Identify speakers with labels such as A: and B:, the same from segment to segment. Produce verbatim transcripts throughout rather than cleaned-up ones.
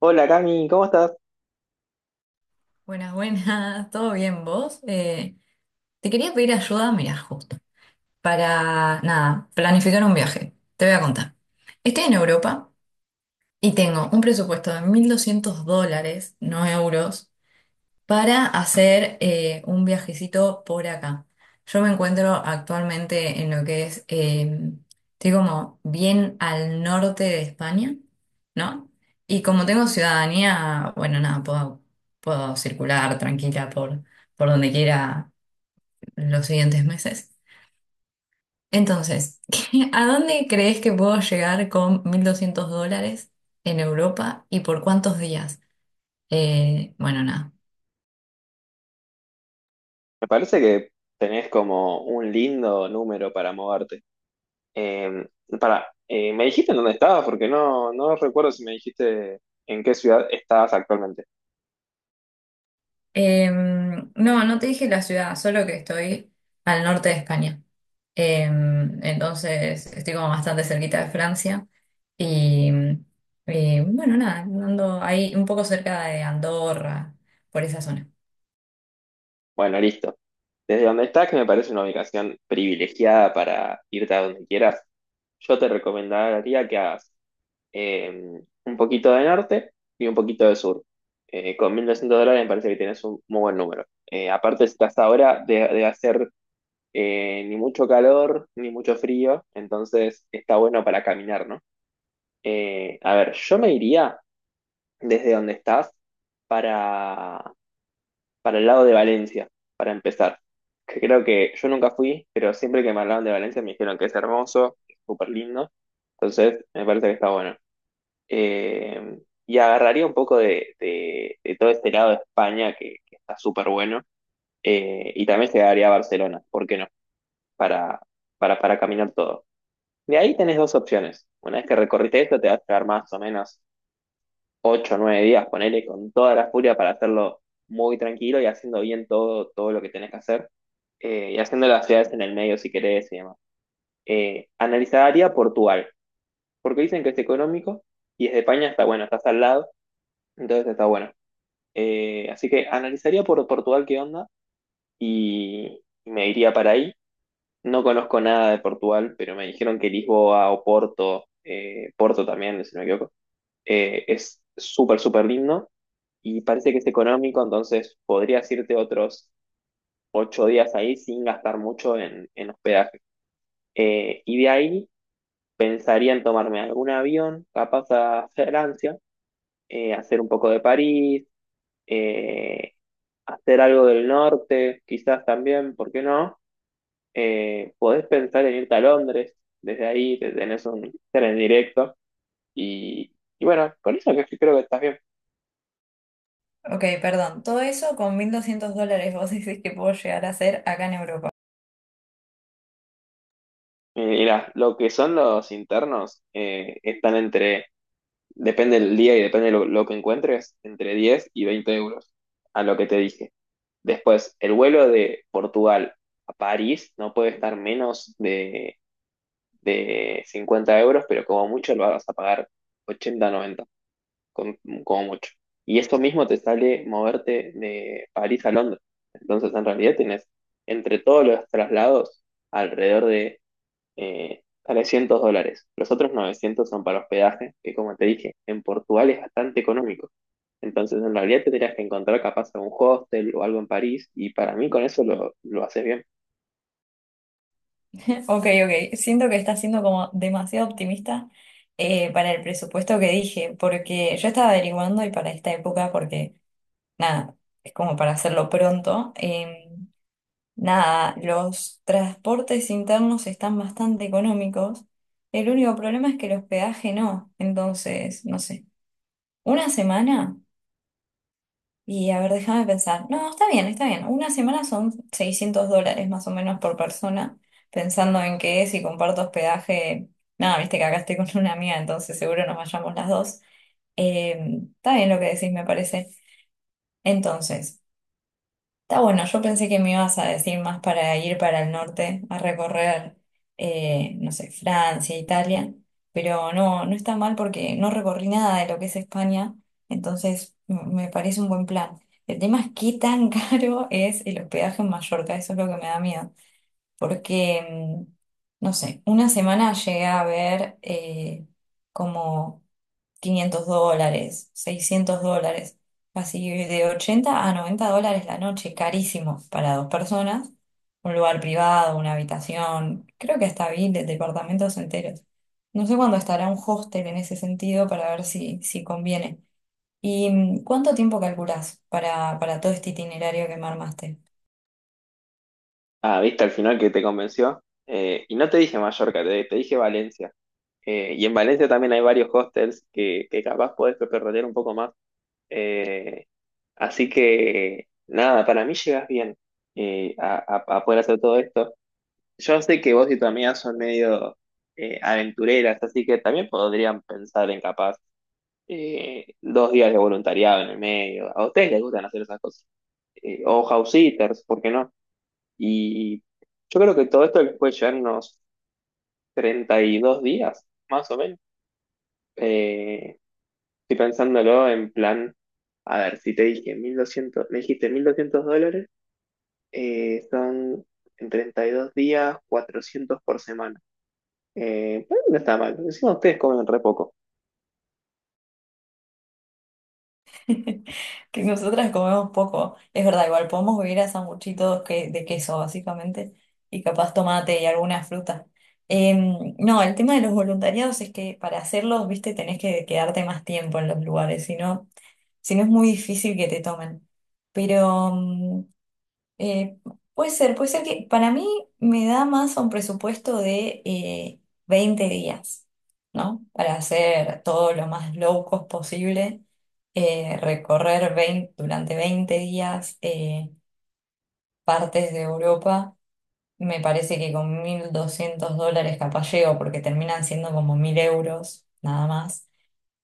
A: Hola, Cami, ¿cómo estás?
B: Buenas, buenas, ¿todo bien vos? Eh, te quería pedir ayuda, mira, justo, para, nada, planificar un viaje. Te voy a contar. Estoy en Europa y tengo un presupuesto de mil doscientos dólares, no euros, para hacer eh, un viajecito por acá. Yo me encuentro actualmente en lo que es, eh, estoy como bien al norte de España, ¿no? Y como tengo ciudadanía, bueno, nada, puedo, puedo circular tranquila por, por donde quiera los siguientes meses. Entonces, ¿a dónde crees que puedo llegar con mil doscientos dólares en Europa y por cuántos días? Eh, bueno, nada.
A: Me parece que tenés como un lindo número para moverte. Eh, para, eh, ¿me dijiste en dónde estabas? Porque no, no recuerdo si me dijiste en qué ciudad estabas actualmente.
B: Em, no, no te dije la ciudad, solo que estoy al norte de España. Em, entonces estoy como bastante cerquita de Francia. Y, y, bueno, nada, ando ahí un poco cerca de Andorra, por esa zona.
A: Bueno, listo. Desde donde estás, que me parece una ubicación privilegiada para irte a donde quieras, yo te recomendaría que hagas eh, un poquito de norte y un poquito de sur. Eh, con mil doscientos dólares me parece que tienes un muy buen número. Eh, aparte, estás ahora de, de hacer eh, ni mucho calor, ni mucho frío, entonces está bueno para caminar, ¿no? Eh, a ver, yo me iría desde donde estás para, para el lado de Valencia, para empezar. Que creo que yo nunca fui, pero siempre que me hablaban de Valencia me dijeron que es hermoso, que es súper lindo, entonces me parece que está bueno. Eh, y agarraría un poco de, de- de todo este lado de España que, que está súper bueno, eh, y también llegaría a Barcelona, ¿por qué no? Para, para, para caminar todo. De ahí tenés dos opciones. Una vez que recorriste esto, te vas a quedar más o menos ocho o nueve días, ponele, con toda la furia, para hacerlo muy tranquilo y haciendo bien todo, todo lo que tenés que hacer. Eh, y haciendo las ciudades en el medio si querés y demás. Eh, analizaría Portugal, porque dicen que es económico y desde España está bueno, estás al lado, entonces está bueno. Eh, así que analizaría por Portugal qué onda y me iría para ahí. No conozco nada de Portugal, pero me dijeron que Lisboa o Porto, eh, Porto también, si no me equivoco. Eh, es súper, súper lindo y parece que es económico, entonces podrías irte otros ocho días ahí sin gastar mucho en, en hospedaje. Eh, y de ahí pensaría en tomarme algún avión, capaz a Francia, eh, hacer un poco de París, eh, hacer algo del norte, quizás también, ¿por qué no? Eh, podés pensar en irte a Londres, desde ahí te tenés un tren directo y, y bueno, con eso, que creo que estás bien.
B: Ok, perdón. Todo eso con mil doscientos dólares vos decís que puedo llegar a hacer acá en Europa.
A: Eh, Mirá, lo que son los internos, eh, están entre, depende del día y depende lo, lo que encuentres, entre diez y veinte euros, a lo que te dije. Después, el vuelo de Portugal a París no puede estar menos de, de cincuenta euros, pero como mucho lo vas a pagar ochenta, noventa, con- como mucho. Y eso mismo te sale moverte de París a Londres. Entonces, en realidad tienes entre todos los traslados alrededor de eh, trescientos dólares. Los otros novecientos son para hospedaje, que, como te dije, en Portugal es bastante económico. Entonces, en realidad tendrías que encontrar capaz algún hostel o algo en París, y para mí con eso lo, lo haces bien.
B: Ok, ok. Siento que estás siendo como demasiado optimista eh, para el presupuesto que dije, porque yo estaba averiguando y para esta época, porque nada, es como para hacerlo pronto. eh, nada, los transportes internos están bastante económicos. El único problema es que el hospedaje no. Entonces, no sé, una semana, y a ver, déjame pensar. No, está bien, está bien. Una semana son seiscientos dólares más o menos por persona, pensando en que si comparto hospedaje, nada, viste que acá estoy con una amiga, entonces seguro nos vayamos las dos. Eh, está bien lo que decís, me parece. Entonces, está bueno, yo pensé que me ibas a decir más para ir para el norte, a recorrer, eh, no sé, Francia, Italia, pero no, no está mal porque no recorrí nada de lo que es España, entonces m- me parece un buen plan. El tema es qué tan caro es el hospedaje en Mallorca, eso es lo que me da miedo, porque, mm, no sé, una semana llegué a ver eh, como quinientos dólares, seiscientos dólares, así de ochenta a noventa dólares la noche, carísimo para dos personas, un lugar privado, una habitación, creo que hasta vi de departamentos enteros. No sé cuándo estará un hostel en ese sentido para ver si, si conviene. ¿Y mm, cuánto tiempo calculás para, para todo este itinerario que me armaste?
A: Ah, viste al final que te convenció. Eh, y no te dije Mallorca, te, te dije Valencia. Eh, y en Valencia también hay varios hostels que, que capaz podés perder un poco más. Eh, así que, nada, para mí llegas bien, eh, a, a- a poder hacer todo esto. Yo sé que vos y tu amiga son medio, eh, aventureras, así que también podrían pensar en capaz eh, dos días de voluntariado en el medio. A ustedes les gustan hacer esas cosas. Eh, o house sitters, ¿por qué no? Y yo creo que todo esto les puede llevar unos treinta y dos días, más o menos. Eh, estoy pensándolo en plan, a ver, si te dije mil doscientos, me dijiste mil doscientos dólares, eh, son en treinta y dos días cuatrocientos por semana. Eh, pero no está mal, porque encima ustedes comen re poco.
B: Que nosotras comemos poco. Es verdad, igual podemos vivir a sanguchitos que, de queso, básicamente, y capaz tomate y algunas frutas. Em, no, el tema de los voluntariados es que para hacerlos, viste, tenés que quedarte más tiempo en los lugares, si no, si no es muy difícil que te tomen. Pero mm, eh, puede ser, puede ser que para mí me da más un presupuesto de eh, veinte días, ¿no? Para hacer todo lo más low cost posible, eh, recorrer veinte durante veinte días eh, partes de Europa. Me parece que con mil doscientos dólares capaz llego, porque terminan siendo como mil euros nada más.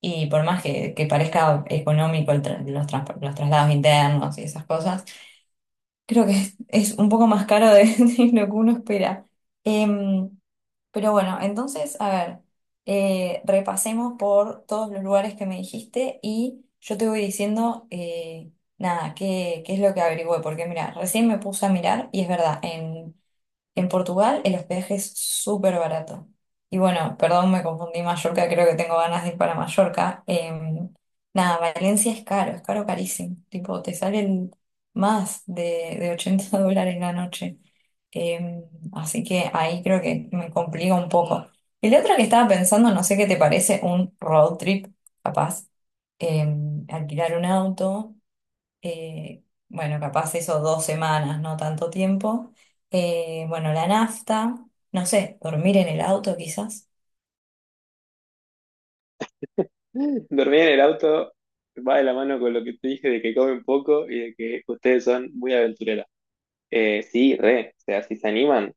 B: Y por más que, que parezca económico el tra- los, trans- los traslados internos y esas cosas. Creo que es, es un poco más caro de, de lo que uno espera. Em, pero bueno, entonces, a ver, eh, repasemos por todos los lugares que me dijiste y yo te voy diciendo, eh, nada, qué, qué es lo que averigüé, porque mira, recién me puse a mirar y es verdad, en en Portugal el hospedaje es súper barato. Y bueno, perdón, me confundí Mallorca, creo que tengo ganas de ir para Mallorca. Em, nada, Valencia es caro, es caro carísimo. Tipo, te salen más de, de ochenta dólares la noche. Em, así que ahí creo que me complica un poco. Y la otra que estaba pensando, no sé qué te parece, un road trip, capaz. Em, alquilar un auto eh, bueno, capaz eso dos semanas, no tanto tiempo. Eh, bueno, la nafta, no sé, dormir en el auto quizás.
A: Dormir en el auto va de la mano con lo que te dije de que comen poco y de que ustedes son muy aventureros. Eh, sí, re, o sea, si se animan.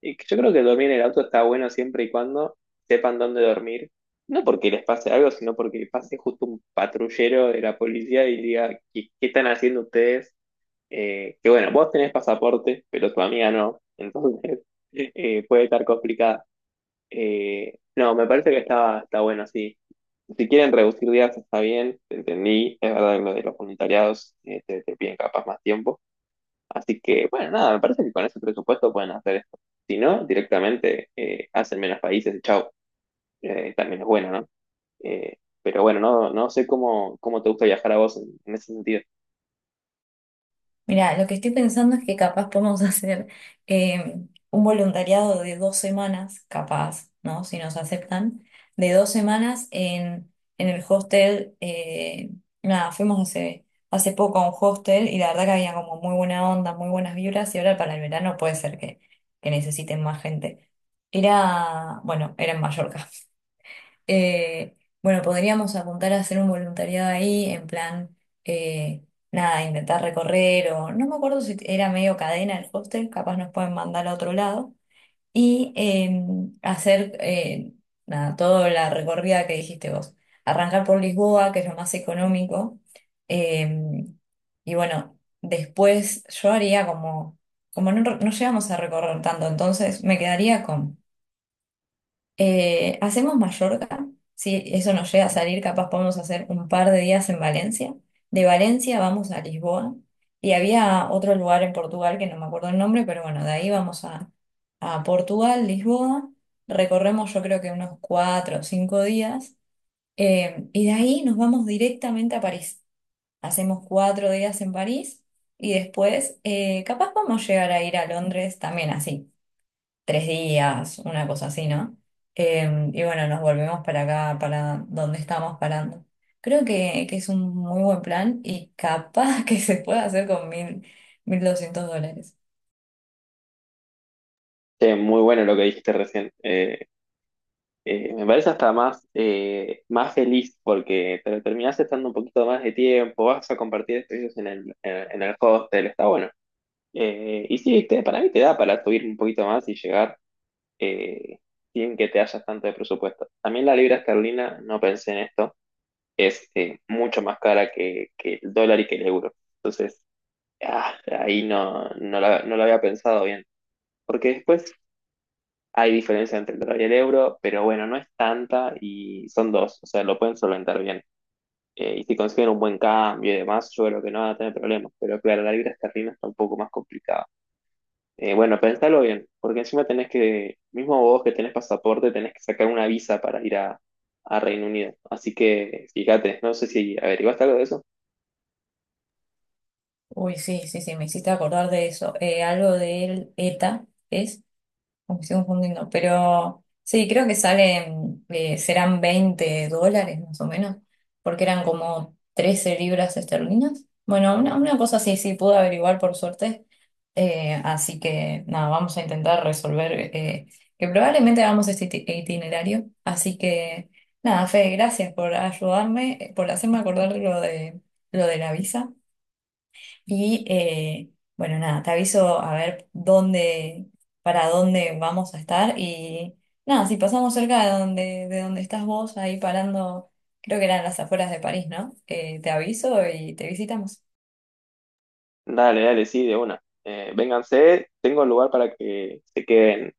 A: Y que yo creo que dormir en el auto está bueno siempre y cuando sepan dónde dormir. No porque les pase algo, sino porque pase justo un patrullero de la policía y diga, ¿qué, qué están haciendo ustedes? Eh, que bueno, vos tenés pasaporte, pero tu amiga no. Entonces, eh, puede estar complicada. Eh, no, me parece que está, está bueno, sí. Si quieren reducir días está bien, te entendí, es verdad que lo de los voluntariados, eh, te, te piden capaz más tiempo. Así que, bueno, nada, me parece que con ese presupuesto pueden hacer esto. Si no, directamente, eh, hacen menos países y chau. Eh, también es bueno, ¿no? Eh, pero bueno, no, no sé cómo, cómo te gusta viajar a vos en, en ese sentido.
B: Mira, lo que estoy pensando es que capaz podemos hacer eh, un voluntariado de dos semanas, capaz, ¿no? Si nos aceptan, de dos semanas en, en el hostel. eh, nada, fuimos hace, hace poco a un hostel y la verdad que había como muy buena onda, muy buenas vibras y ahora para el verano puede ser que, que necesiten más gente. Era, bueno, era en Mallorca. Eh, bueno, podríamos apuntar a hacer un voluntariado ahí, en plan, eh, nada, intentar recorrer o no me acuerdo si era medio cadena el hostel, capaz nos pueden mandar a otro lado y eh, hacer, eh, nada, toda la recorrida que dijiste vos. Arrancar por Lisboa, que es lo más económico. eh, y bueno, después yo haría como, como no, no llegamos a recorrer tanto, entonces me quedaría con... Eh, hacemos Mallorca, si eso nos llega a salir, capaz podemos hacer un par de días en Valencia. De Valencia vamos a Lisboa y había otro lugar en Portugal que no me acuerdo el nombre, pero bueno, de ahí vamos a, a Portugal, Lisboa, recorremos yo creo que unos cuatro o cinco días eh, y de ahí nos vamos directamente a París. Hacemos cuatro días en París y después eh, capaz vamos a llegar a ir a Londres también así tres días, una cosa así, ¿no? Eh, y bueno, nos volvemos para acá, para donde estamos parando. Creo que, que es un muy buen plan y capaz que se puede hacer con mil, mil doscientos dólares.
A: Che, muy bueno lo que dijiste recién. Eh, eh, me parece hasta más, eh, más feliz porque te lo terminás estando un poquito más de tiempo, vas a compartir espacios en el, en, en el hostel, está bueno. Eh, y sí, te- para mí te da para subir un poquito más y llegar eh, sin que te hayas tanto de presupuesto. También la libra esterlina, no pensé en esto, es, eh, mucho más cara que, que el dólar y que el euro. Entonces, ah, ahí no, no la- no lo había pensado bien. Porque después hay diferencia entre el dólar y el euro, pero bueno, no es tanta y son dos, o sea, lo pueden solventar bien. Eh, y si consiguen un buen cambio y demás, yo creo que no van a tener problemas. Pero claro, la libra esterlina está un poco más complicada. Eh, bueno, pensalo bien, porque encima tenés que, mismo vos que tenés pasaporte, tenés que sacar una visa para ir a, a Reino Unido. Así que fíjate, no sé si averiguaste algo de eso.
B: Uy, sí, sí, sí, me hiciste acordar de eso. Eh, algo del E T A es. Como que estoy confundiendo, pero sí, creo que salen, eh, serán veinte dólares más o menos, porque eran como trece libras esterlinas. Bueno, una, una cosa así, sí, pude averiguar por suerte. Eh, así que nada, vamos a intentar resolver, eh, que probablemente hagamos este iti- itinerario. Así que nada, Fede, gracias por ayudarme, eh, por hacerme acordar lo de, lo de la visa. Y eh, bueno, nada, te aviso a ver dónde, para dónde vamos a estar. Y nada, si pasamos cerca de donde, de donde estás vos, ahí parando, creo que eran las afueras de París, ¿no? Eh, te aviso y te visitamos.
A: Dale, dale, sí, de una. Eh, vénganse, tengo lugar para que se queden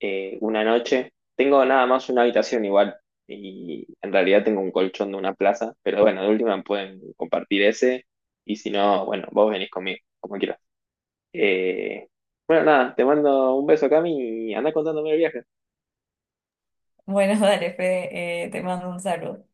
A: eh, una noche. Tengo nada más una habitación igual, y en realidad tengo un colchón de una plaza, pero bueno, de última pueden compartir ese y si no, bueno, vos venís conmigo, como quieras. Eh, bueno, nada, te mando un beso, Cami, y anda contándome el viaje.
B: Bueno, dale, Fede, eh, te mando un saludo.